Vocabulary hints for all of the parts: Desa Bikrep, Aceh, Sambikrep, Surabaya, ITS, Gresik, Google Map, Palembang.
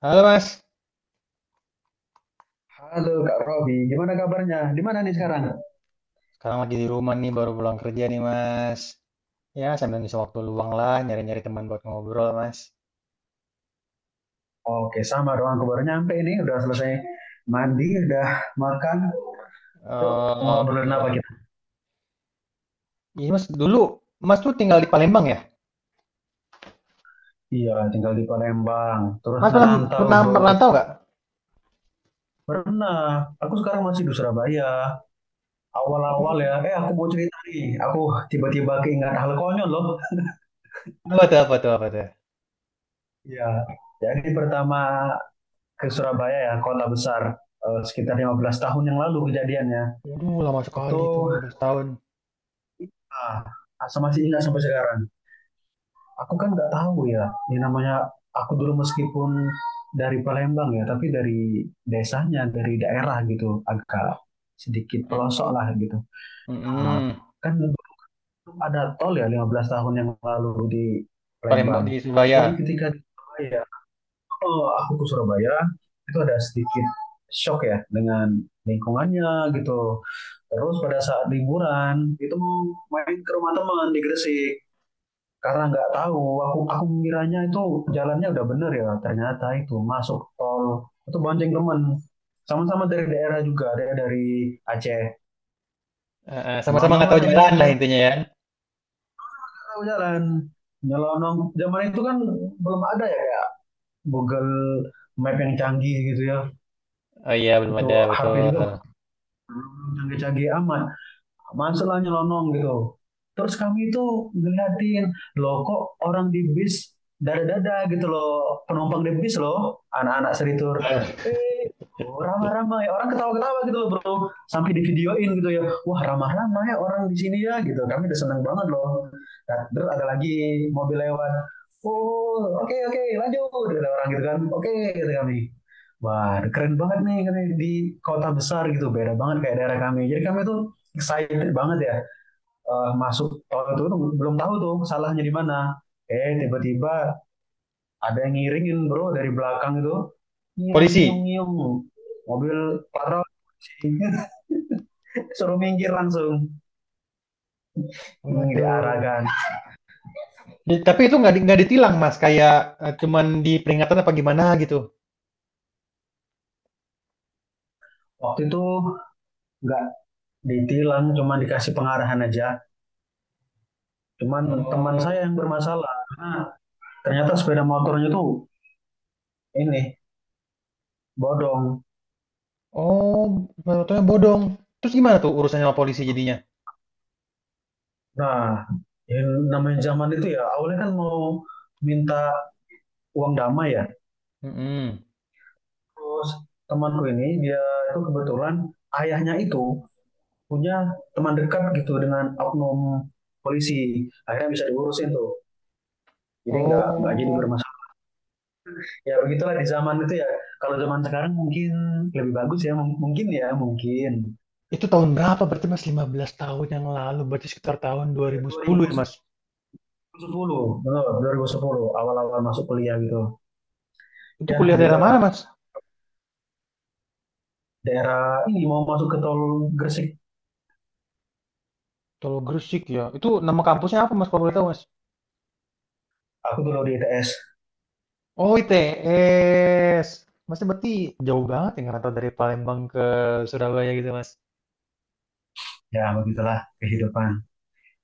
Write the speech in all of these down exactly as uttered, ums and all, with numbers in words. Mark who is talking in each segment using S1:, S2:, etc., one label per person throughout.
S1: Halo Mas,
S2: Halo Kak Robi, gimana kabarnya? Di mana nih sekarang?
S1: sekarang lagi di rumah nih, baru pulang kerja nih Mas. Ya, sambil ngisi waktu luang lah, nyari-nyari teman buat ngobrol Mas.
S2: Oke, sama doang. Aku baru nyampe ini, udah selesai mandi, udah makan. Yuk, mau ngobrolin apa
S1: Oke.
S2: kita?
S1: Ini Mas, dulu Mas tuh tinggal di Palembang ya?
S2: Iya, tinggal di Palembang. Terus
S1: Mas pernah,
S2: ngerantau
S1: pernah
S2: bro ke
S1: merantau nggak?
S2: pernah. Aku sekarang masih di Surabaya. Awal-awal ya,
S1: Oh,
S2: eh aku mau cerita nih. Aku tiba-tiba keingat hal konyol loh.
S1: apa tuh, apa tuh, apa tuh?
S2: Iya. Jadi pertama ke Surabaya ya, kota besar. Eh, sekitar lima belas tahun yang lalu kejadiannya.
S1: Waduh, lama
S2: Itu
S1: sekali tuh, lima belas tahun.
S2: ah, masih ingat sampai sekarang. Aku kan nggak tahu ya, ini namanya aku dulu meskipun dari Palembang ya, tapi dari desanya, dari daerah gitu, agak sedikit
S1: Mm.
S2: pelosok lah gitu. Nah,
S1: Mm-mm.
S2: kan belum ada tol ya lima belas tahun yang lalu di
S1: Palembang
S2: Palembang.
S1: di Surabaya.
S2: Jadi ketika di Surabaya, oh aku ke Surabaya, itu ada sedikit shock ya dengan lingkungannya gitu. Terus pada saat liburan itu mau main ke rumah teman di Gresik, karena nggak tahu, aku aku mengiranya itu jalannya udah bener ya, ternyata itu masuk tol. Itu bonceng teman, sama-sama dari daerah, juga ada dari Aceh.
S1: Eh, eh, sama-sama
S2: Nyelonong
S1: nggak
S2: lah
S1: tahu
S2: kami
S1: jalan lah
S2: masuk,
S1: intinya ya.
S2: tahu jalan, nyelonong. Zaman itu kan belum ada ya Google Map yang canggih gitu ya.
S1: Oh iya, belum
S2: Itu
S1: ada,
S2: H P
S1: betul.
S2: juga belum canggih-canggih amat, masalah nyelonong gitu. Terus kami itu ngeliatin, loh kok orang di bis dada-dada gitu loh, penumpang di bis loh, anak-anak seritur.
S1: Oh,
S2: Eh, oh, ramah-ramah ya, orang ketawa-ketawa gitu loh bro, sampai di videoin gitu ya, wah ramah-ramah ya orang di sini ya gitu, kami udah seneng banget loh. Nah, terus ada lagi mobil lewat, oh oke okay, oke okay, lanjut, ada orang gitu kan, oke okay, kata kami. Wah, keren banget nih katanya di kota besar gitu, beda banget kayak daerah kami. Jadi kami tuh excited banget ya, eh, masuk tahun itu belum tahu tuh salahnya di mana. Eh tiba-tiba ada yang ngiringin bro dari belakang itu, nyung
S1: polisi.
S2: nyung nyung, mobil patroli suruh minggir langsung. Hmm,
S1: Waduh.
S2: diarahkan.
S1: Di tapi itu nggak di nggak ditilang, Mas, kayak, eee, cuman diperingatan apa gimana gitu?
S2: Waktu itu nggak ditilang, cuma dikasih pengarahan aja. Cuman teman saya
S1: Oh.
S2: yang bermasalah, karena ternyata sepeda motornya tuh ini bodong.
S1: Oh, motornya bodong. Terus gimana tuh urusannya sama polisi jadinya?
S2: Nah, yang namanya zaman itu ya, awalnya kan mau minta uang damai ya.
S1: Mhm.
S2: Terus temanku ini dia itu kebetulan ayahnya itu punya teman dekat gitu dengan oknum polisi. Akhirnya bisa diurusin tuh. Jadi nggak nggak jadi
S1: Oh,
S2: bermasalah. Ya begitulah di zaman itu ya. Kalau zaman sekarang mungkin lebih bagus ya. Mungkin ya mungkin.
S1: itu tahun berapa berarti, Mas? Lima belas tahun yang lalu, berarti sekitar tahun dua ribu
S2: dua
S1: sepuluh ya,
S2: ribu
S1: Mas?
S2: sepuluh betul, dua ribu sepuluh awal-awal masuk kuliah gitu.
S1: Itu
S2: Ya
S1: kuliah daerah mana,
S2: begitulah,
S1: Mas?
S2: daerah ini mau masuk ke tol Gresik.
S1: Tol Gresik ya? Itu nama kampusnya apa, Mas, kalau boleh tahu, Mas?
S2: Aku dulu di I T S.
S1: Oh, I T S. Masnya berarti jauh banget ya ngerantau dari Palembang ke Surabaya gitu, Mas?
S2: Ya begitulah kehidupan.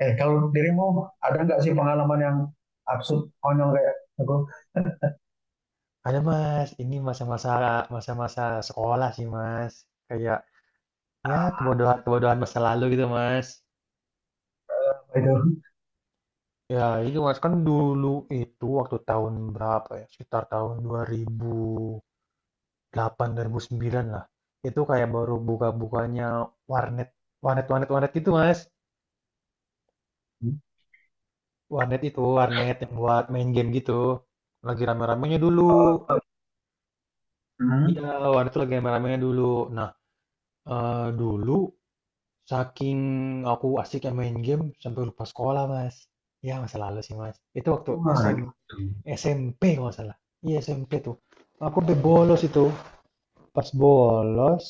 S2: Eh, kalau dirimu ada nggak sih pengalaman yang absurd, konyol kayak aku,
S1: Ada Mas, ini masa-masa masa-masa sekolah sih Mas. Kayak ya kebodohan-kebodohan masa lalu gitu Mas.
S2: apa itu?
S1: Ya itu Mas kan dulu itu waktu tahun berapa ya? Sekitar tahun dua ribu delapan dua ribu sembilan lah. Itu kayak baru buka-bukanya warnet. Warnet warnet warnet gitu Mas. Warnet itu warnet yang buat main game gitu. Lagi rame-ramenya dulu.
S2: Oh. Hmm.
S1: Iya, warnet itu lagi rame-ramenya dulu. Nah, eh, dulu saking aku asik ya main game sampai lupa sekolah, Mas. Ya, masa lalu sih, Mas. Itu waktu
S2: Wah,
S1: SM,
S2: gitu.
S1: S M P kalau nggak salah. Iya, S M P tuh. Aku sampai bolos itu. Pas bolos,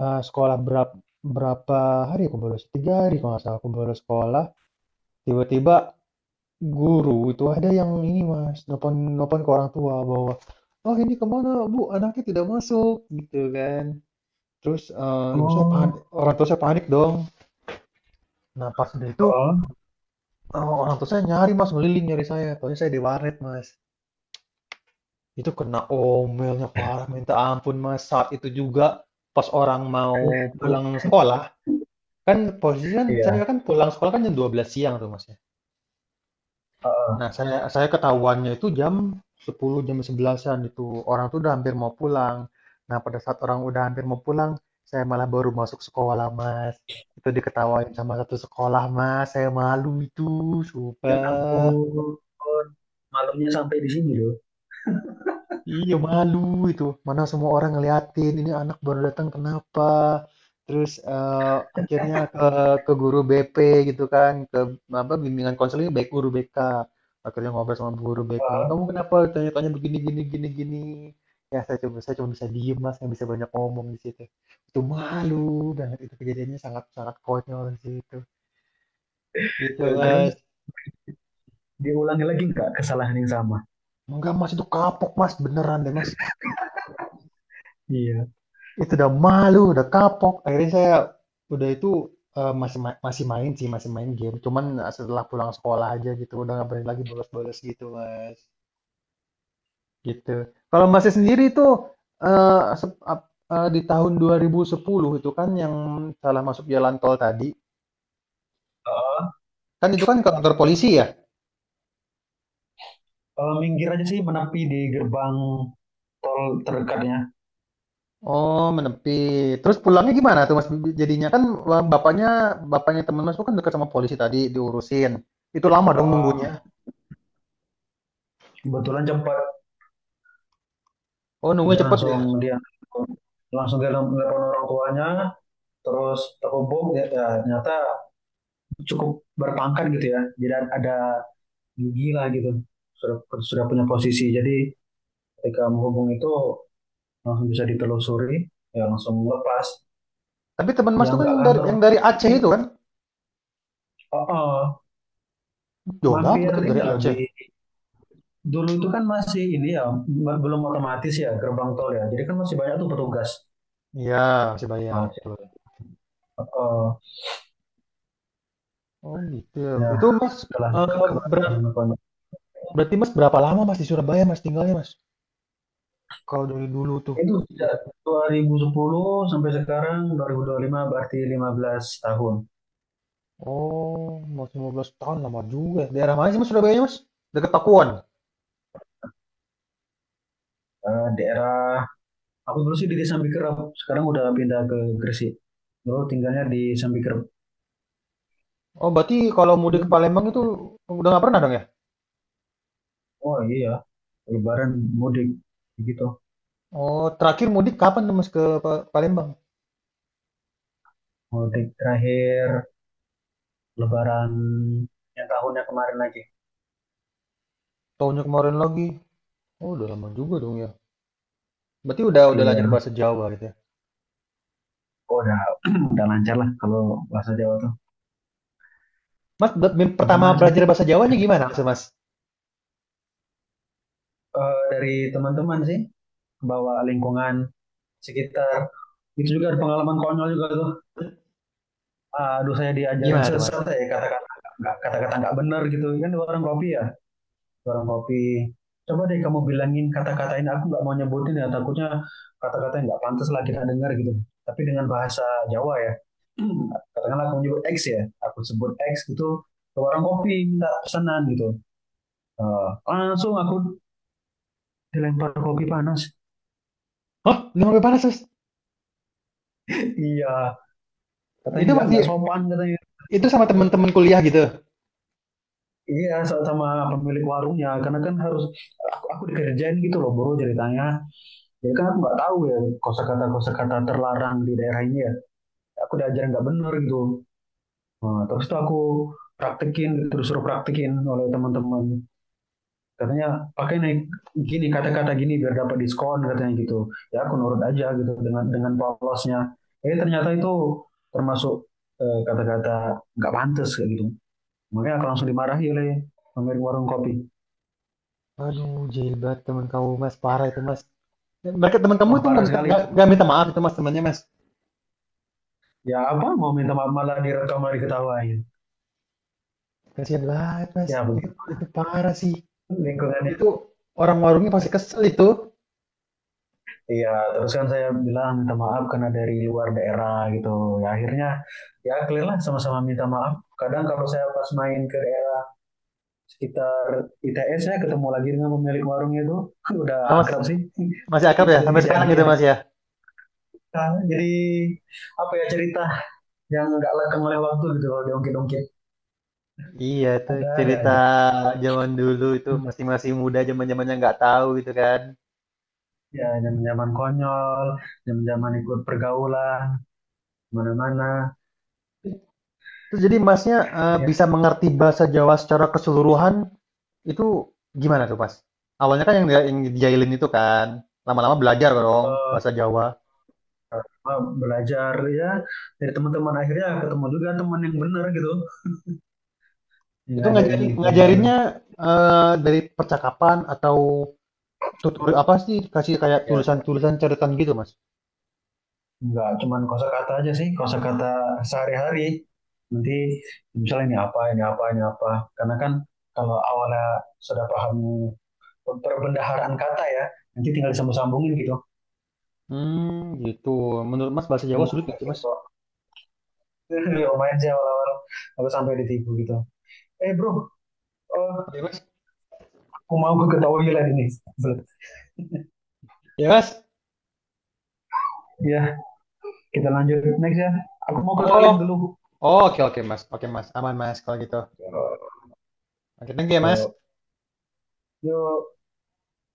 S1: eh, sekolah berapa, berapa hari aku bolos? Tiga hari kalau nggak salah aku bolos sekolah. Tiba-tiba guru itu ada yang ini, Mas. Nelpon, nelpon ke orang tua bahwa, oh ini kemana, Bu? Anaknya tidak masuk, gitu kan. Terus eh, ibu saya
S2: Oh,
S1: panik, orang tua saya panik dong. Nah, pas dari itu.
S2: oh.
S1: Oh, orang tua saya nyari mas, ngeliling nyari saya. Taunya saya di warnet mas. Itu kena omelnya parah, minta ampun mas. Saat itu juga pas orang mau pulang sekolah, kan posisi kan saya
S2: Iya.
S1: kan pulang sekolah kan jam dua belas siang tuh mas ya.
S2: Oh.
S1: Nah saya saya ketahuannya itu jam sepuluh jam sebelasan-an itu orang tuh udah hampir mau pulang. Nah pada saat orang udah hampir mau pulang, saya malah baru masuk sekolah mas. Itu diketawain sama satu sekolah mas, saya malu itu,
S2: Ya
S1: sumpah.
S2: ampun, malunya sampai di sini loh.
S1: Iya malu itu. Mana semua orang ngeliatin, ini anak baru datang kenapa? Terus eh, akhirnya ke ke guru B P gitu kan, ke apa bimbingan konseling baik guru B K. Akhirnya ngobrol sama guru B K. Kamu
S2: Oh.
S1: kenapa tanya-tanya begini gini gini gini? Ya saya coba saya cuma bisa diem mas, nggak bisa banyak ngomong di situ. Itu malu banget itu kejadiannya sangat sangat konyol di situ. Gitu
S2: Eh,
S1: mas.
S2: terus diulangi lagi nggak kesalahan yang sama?
S1: Enggak mas itu kapok mas beneran deh mas.
S2: Iya.
S1: Itu udah malu, udah kapok. Akhirnya saya udah itu eh, masih ma- masih main sih, masih main game. Cuman eh, setelah pulang sekolah aja gitu, udah nggak berani lagi bolos-bolos gitu, Mas. Gitu. Kalau Masnya sendiri itu eh, sep- ap- eh, di tahun dua ribu sepuluh itu kan yang salah masuk jalan tol tadi,
S2: Oh,
S1: kan itu kan ke kantor polisi ya?
S2: kalau minggir aja sih, menepi di gerbang tol terdekatnya.
S1: Oh, menepi. Terus pulangnya gimana tuh, Mas? Jadinya kan eh, bapaknya bapaknya teman Mas itu kan dekat sama polisi tadi diurusin. Itu lama dong
S2: Oh,
S1: nunggunya.
S2: kebetulan cepat.
S1: Oh, nunggunya
S2: dia
S1: cepet ya?
S2: langsung dia langsung dia nelpon orang tuanya, terus terhubung ya, ya, ternyata cukup berpangkat gitu ya, jadi ada gigi lah gitu, sudah sudah punya posisi. Jadi ketika menghubung itu langsung bisa ditelusuri, ya langsung lepas.
S1: Tapi teman Mas
S2: Yang
S1: itu kan
S2: nggak
S1: yang dari
S2: kantor
S1: yang dari Aceh
S2: ini,
S1: itu kan?
S2: oh, oh,
S1: Jauh banget
S2: mampir
S1: berarti dari
S2: ini loh di
S1: Aceh.
S2: dulu itu kan masih ini ya, belum otomatis ya gerbang tol ya, jadi kan masih banyak tuh petugas.
S1: Iya, masih bayar,
S2: Nah,
S1: betul.
S2: oh, oh,
S1: Oh gitu.
S2: ya
S1: Itu Mas,
S2: setelah ke.
S1: eh, berat- berarti Mas berapa lama Mas di Surabaya Mas tinggalnya Mas? Kalau dari dulu tuh.
S2: Itu sejak dua ribu sepuluh sampai sekarang dua dua ribu dua puluh lima, berarti lima belas tahun.
S1: Oh, Mas lima belas tahun lama juga. Daerah mana sih Mas Surabaya Mas? Dekat Pakuan.
S2: Eh, daerah aku dulu sih di Desa Bikrep, sekarang udah pindah ke Gresik. Dulu tinggalnya di Sambikrep.
S1: Oh, berarti kalau mudik
S2: Ya.
S1: ke Palembang itu udah nggak pernah dong ya?
S2: Oh iya, Lebaran mudik gitu.
S1: Oh, terakhir mudik kapan tuh Mas ke Pa- Palembang?
S2: Mudik terakhir Lebaran yang tahunnya kemarin lagi.
S1: Tahunnya kemarin lagi. Oh, udah lama juga dong ya. Berarti udah udah
S2: Iya,
S1: lancar bahasa Jawa gitu ya.
S2: oh, udah udah lancar lah kalau bahasa Jawa tuh
S1: Mas, buat mem- pertama
S2: macam-macam.
S1: belajar bahasa Jawanya gimana Mas? Mas?
S2: Eh, dari teman-teman sih, bawa lingkungan sekitar. Itu juga ada pengalaman konyol juga tuh. Ah, aduh, saya diajarin
S1: Gimana tuh Mas?
S2: sesat ya, kata-kata nggak kata-kata nggak benar gitu kan, warung kopi ya, warung kopi, coba deh kamu bilangin, kata-katain, aku nggak mau nyebutin ya, takutnya kata-kata yang nggak pantas lah kita dengar gitu. Tapi dengan bahasa Jawa ya, katakanlah aku nyebut X ya, aku sebut X gitu ke warung kopi minta pesanan gitu. Eh, langsung aku dilempar kopi panas.
S1: Hah? Udah sampai mana Mas?
S2: Iya, katanya
S1: Itu
S2: nggak nggak
S1: masih
S2: sopan katanya.
S1: itu sama teman-teman kuliah gitu.
S2: Iya, sama pemilik warungnya, karena kan harus aku, aku dikerjain gitu loh bro ceritanya. Ya kan aku nggak tahu ya, kosakata kosakata terlarang di daerah ini ya. Aku diajarin nggak bener gitu. Nah, terus tuh aku praktekin, terus suruh praktekin oleh teman-teman. Katanya pakai naik gini, kata-kata gini biar dapat diskon katanya gitu. Ya aku nurut aja gitu dengan dengan polosnya. Eh ternyata itu termasuk eh, kata-kata nggak pantas kayak gitu. Makanya aku langsung dimarahi oleh pemilik warung kopi.
S1: Aduh, jahil banget teman kamu Mas, parah itu Mas. Mereka teman kamu
S2: Wah
S1: itu
S2: parah
S1: nggak minta
S2: sekali
S1: nggak
S2: itu.
S1: nggak minta maaf itu Mas temannya Mas.
S2: Ya apa mau minta maaf, malah direkam, malah diketawain.
S1: Kasihan banget Mas.
S2: Ya ya,
S1: Itu
S2: begitu
S1: itu parah sih.
S2: lingkungan.
S1: Itu orang warungnya pasti kesel itu.
S2: Iya, terus kan saya bilang minta maaf karena dari luar daerah gitu. Ya akhirnya ya clear lah, sama-sama minta maaf. Kadang kalau saya pas main ke daerah sekitar I T S ya ketemu lagi dengan pemilik warungnya itu. Udah
S1: Ah, Mas
S2: akrab sih
S1: masih akrab ya
S2: dari
S1: sampai sekarang gitu
S2: kejadian
S1: Mas
S2: itu.
S1: ya.
S2: Nah, jadi apa ya, cerita yang nggak lekang oleh waktu gitu kalau diungkit-ungkit,
S1: Iya itu
S2: ada ada
S1: cerita
S2: aja.
S1: zaman dulu itu masih masih muda zaman-zamannya nggak tahu gitu kan.
S2: Ya zaman-zaman konyol, zaman-zaman ikut pergaulan, mana-mana.
S1: Terus jadi Masnya, eee,
S2: Ya,
S1: bisa mengerti bahasa Jawa secara keseluruhan itu gimana tuh, Mas? Awalnya kan yang dia yang dijailin itu kan, lama-lama belajar dong bahasa
S2: eh,
S1: Jawa.
S2: eh, belajar ya dari teman-teman, akhirnya ketemu juga teman yang benar gitu, yang
S1: Itu
S2: ngajarin
S1: ngajarin
S2: yang benar.
S1: ngajarinnya, eee, dari percakapan atau tutur apa sih, kasih kayak
S2: Ya
S1: tulisan-tulisan catatan gitu, Mas?
S2: nggak cuman kosakata aja sih, kosakata sehari-hari, nanti misalnya ini apa, ini apa, ini apa, karena kan kalau awalnya sudah paham perbendaharaan kata ya, nanti tinggal disambung-sambungin gitu.
S1: Hmm gitu. Menurut Mas bahasa Jawa
S2: Hmm,
S1: sulit nggak sih, Mas?
S2: gitu. Ya lumayan sih, awal-awal aku sampai ditipu gitu, eh bro, eh,
S1: Oke, Mas.
S2: aku mau ke ketahui lagi ini Belet.
S1: Ya, Mas?
S2: Ya kita lanjut next ya, aku mau ke toilet
S1: Oh.
S2: dulu.
S1: Oh, oke oke, Mas. Oke, Mas. Aman, Mas, kalau gitu. Oke, thank you ya, Mas.
S2: Ya.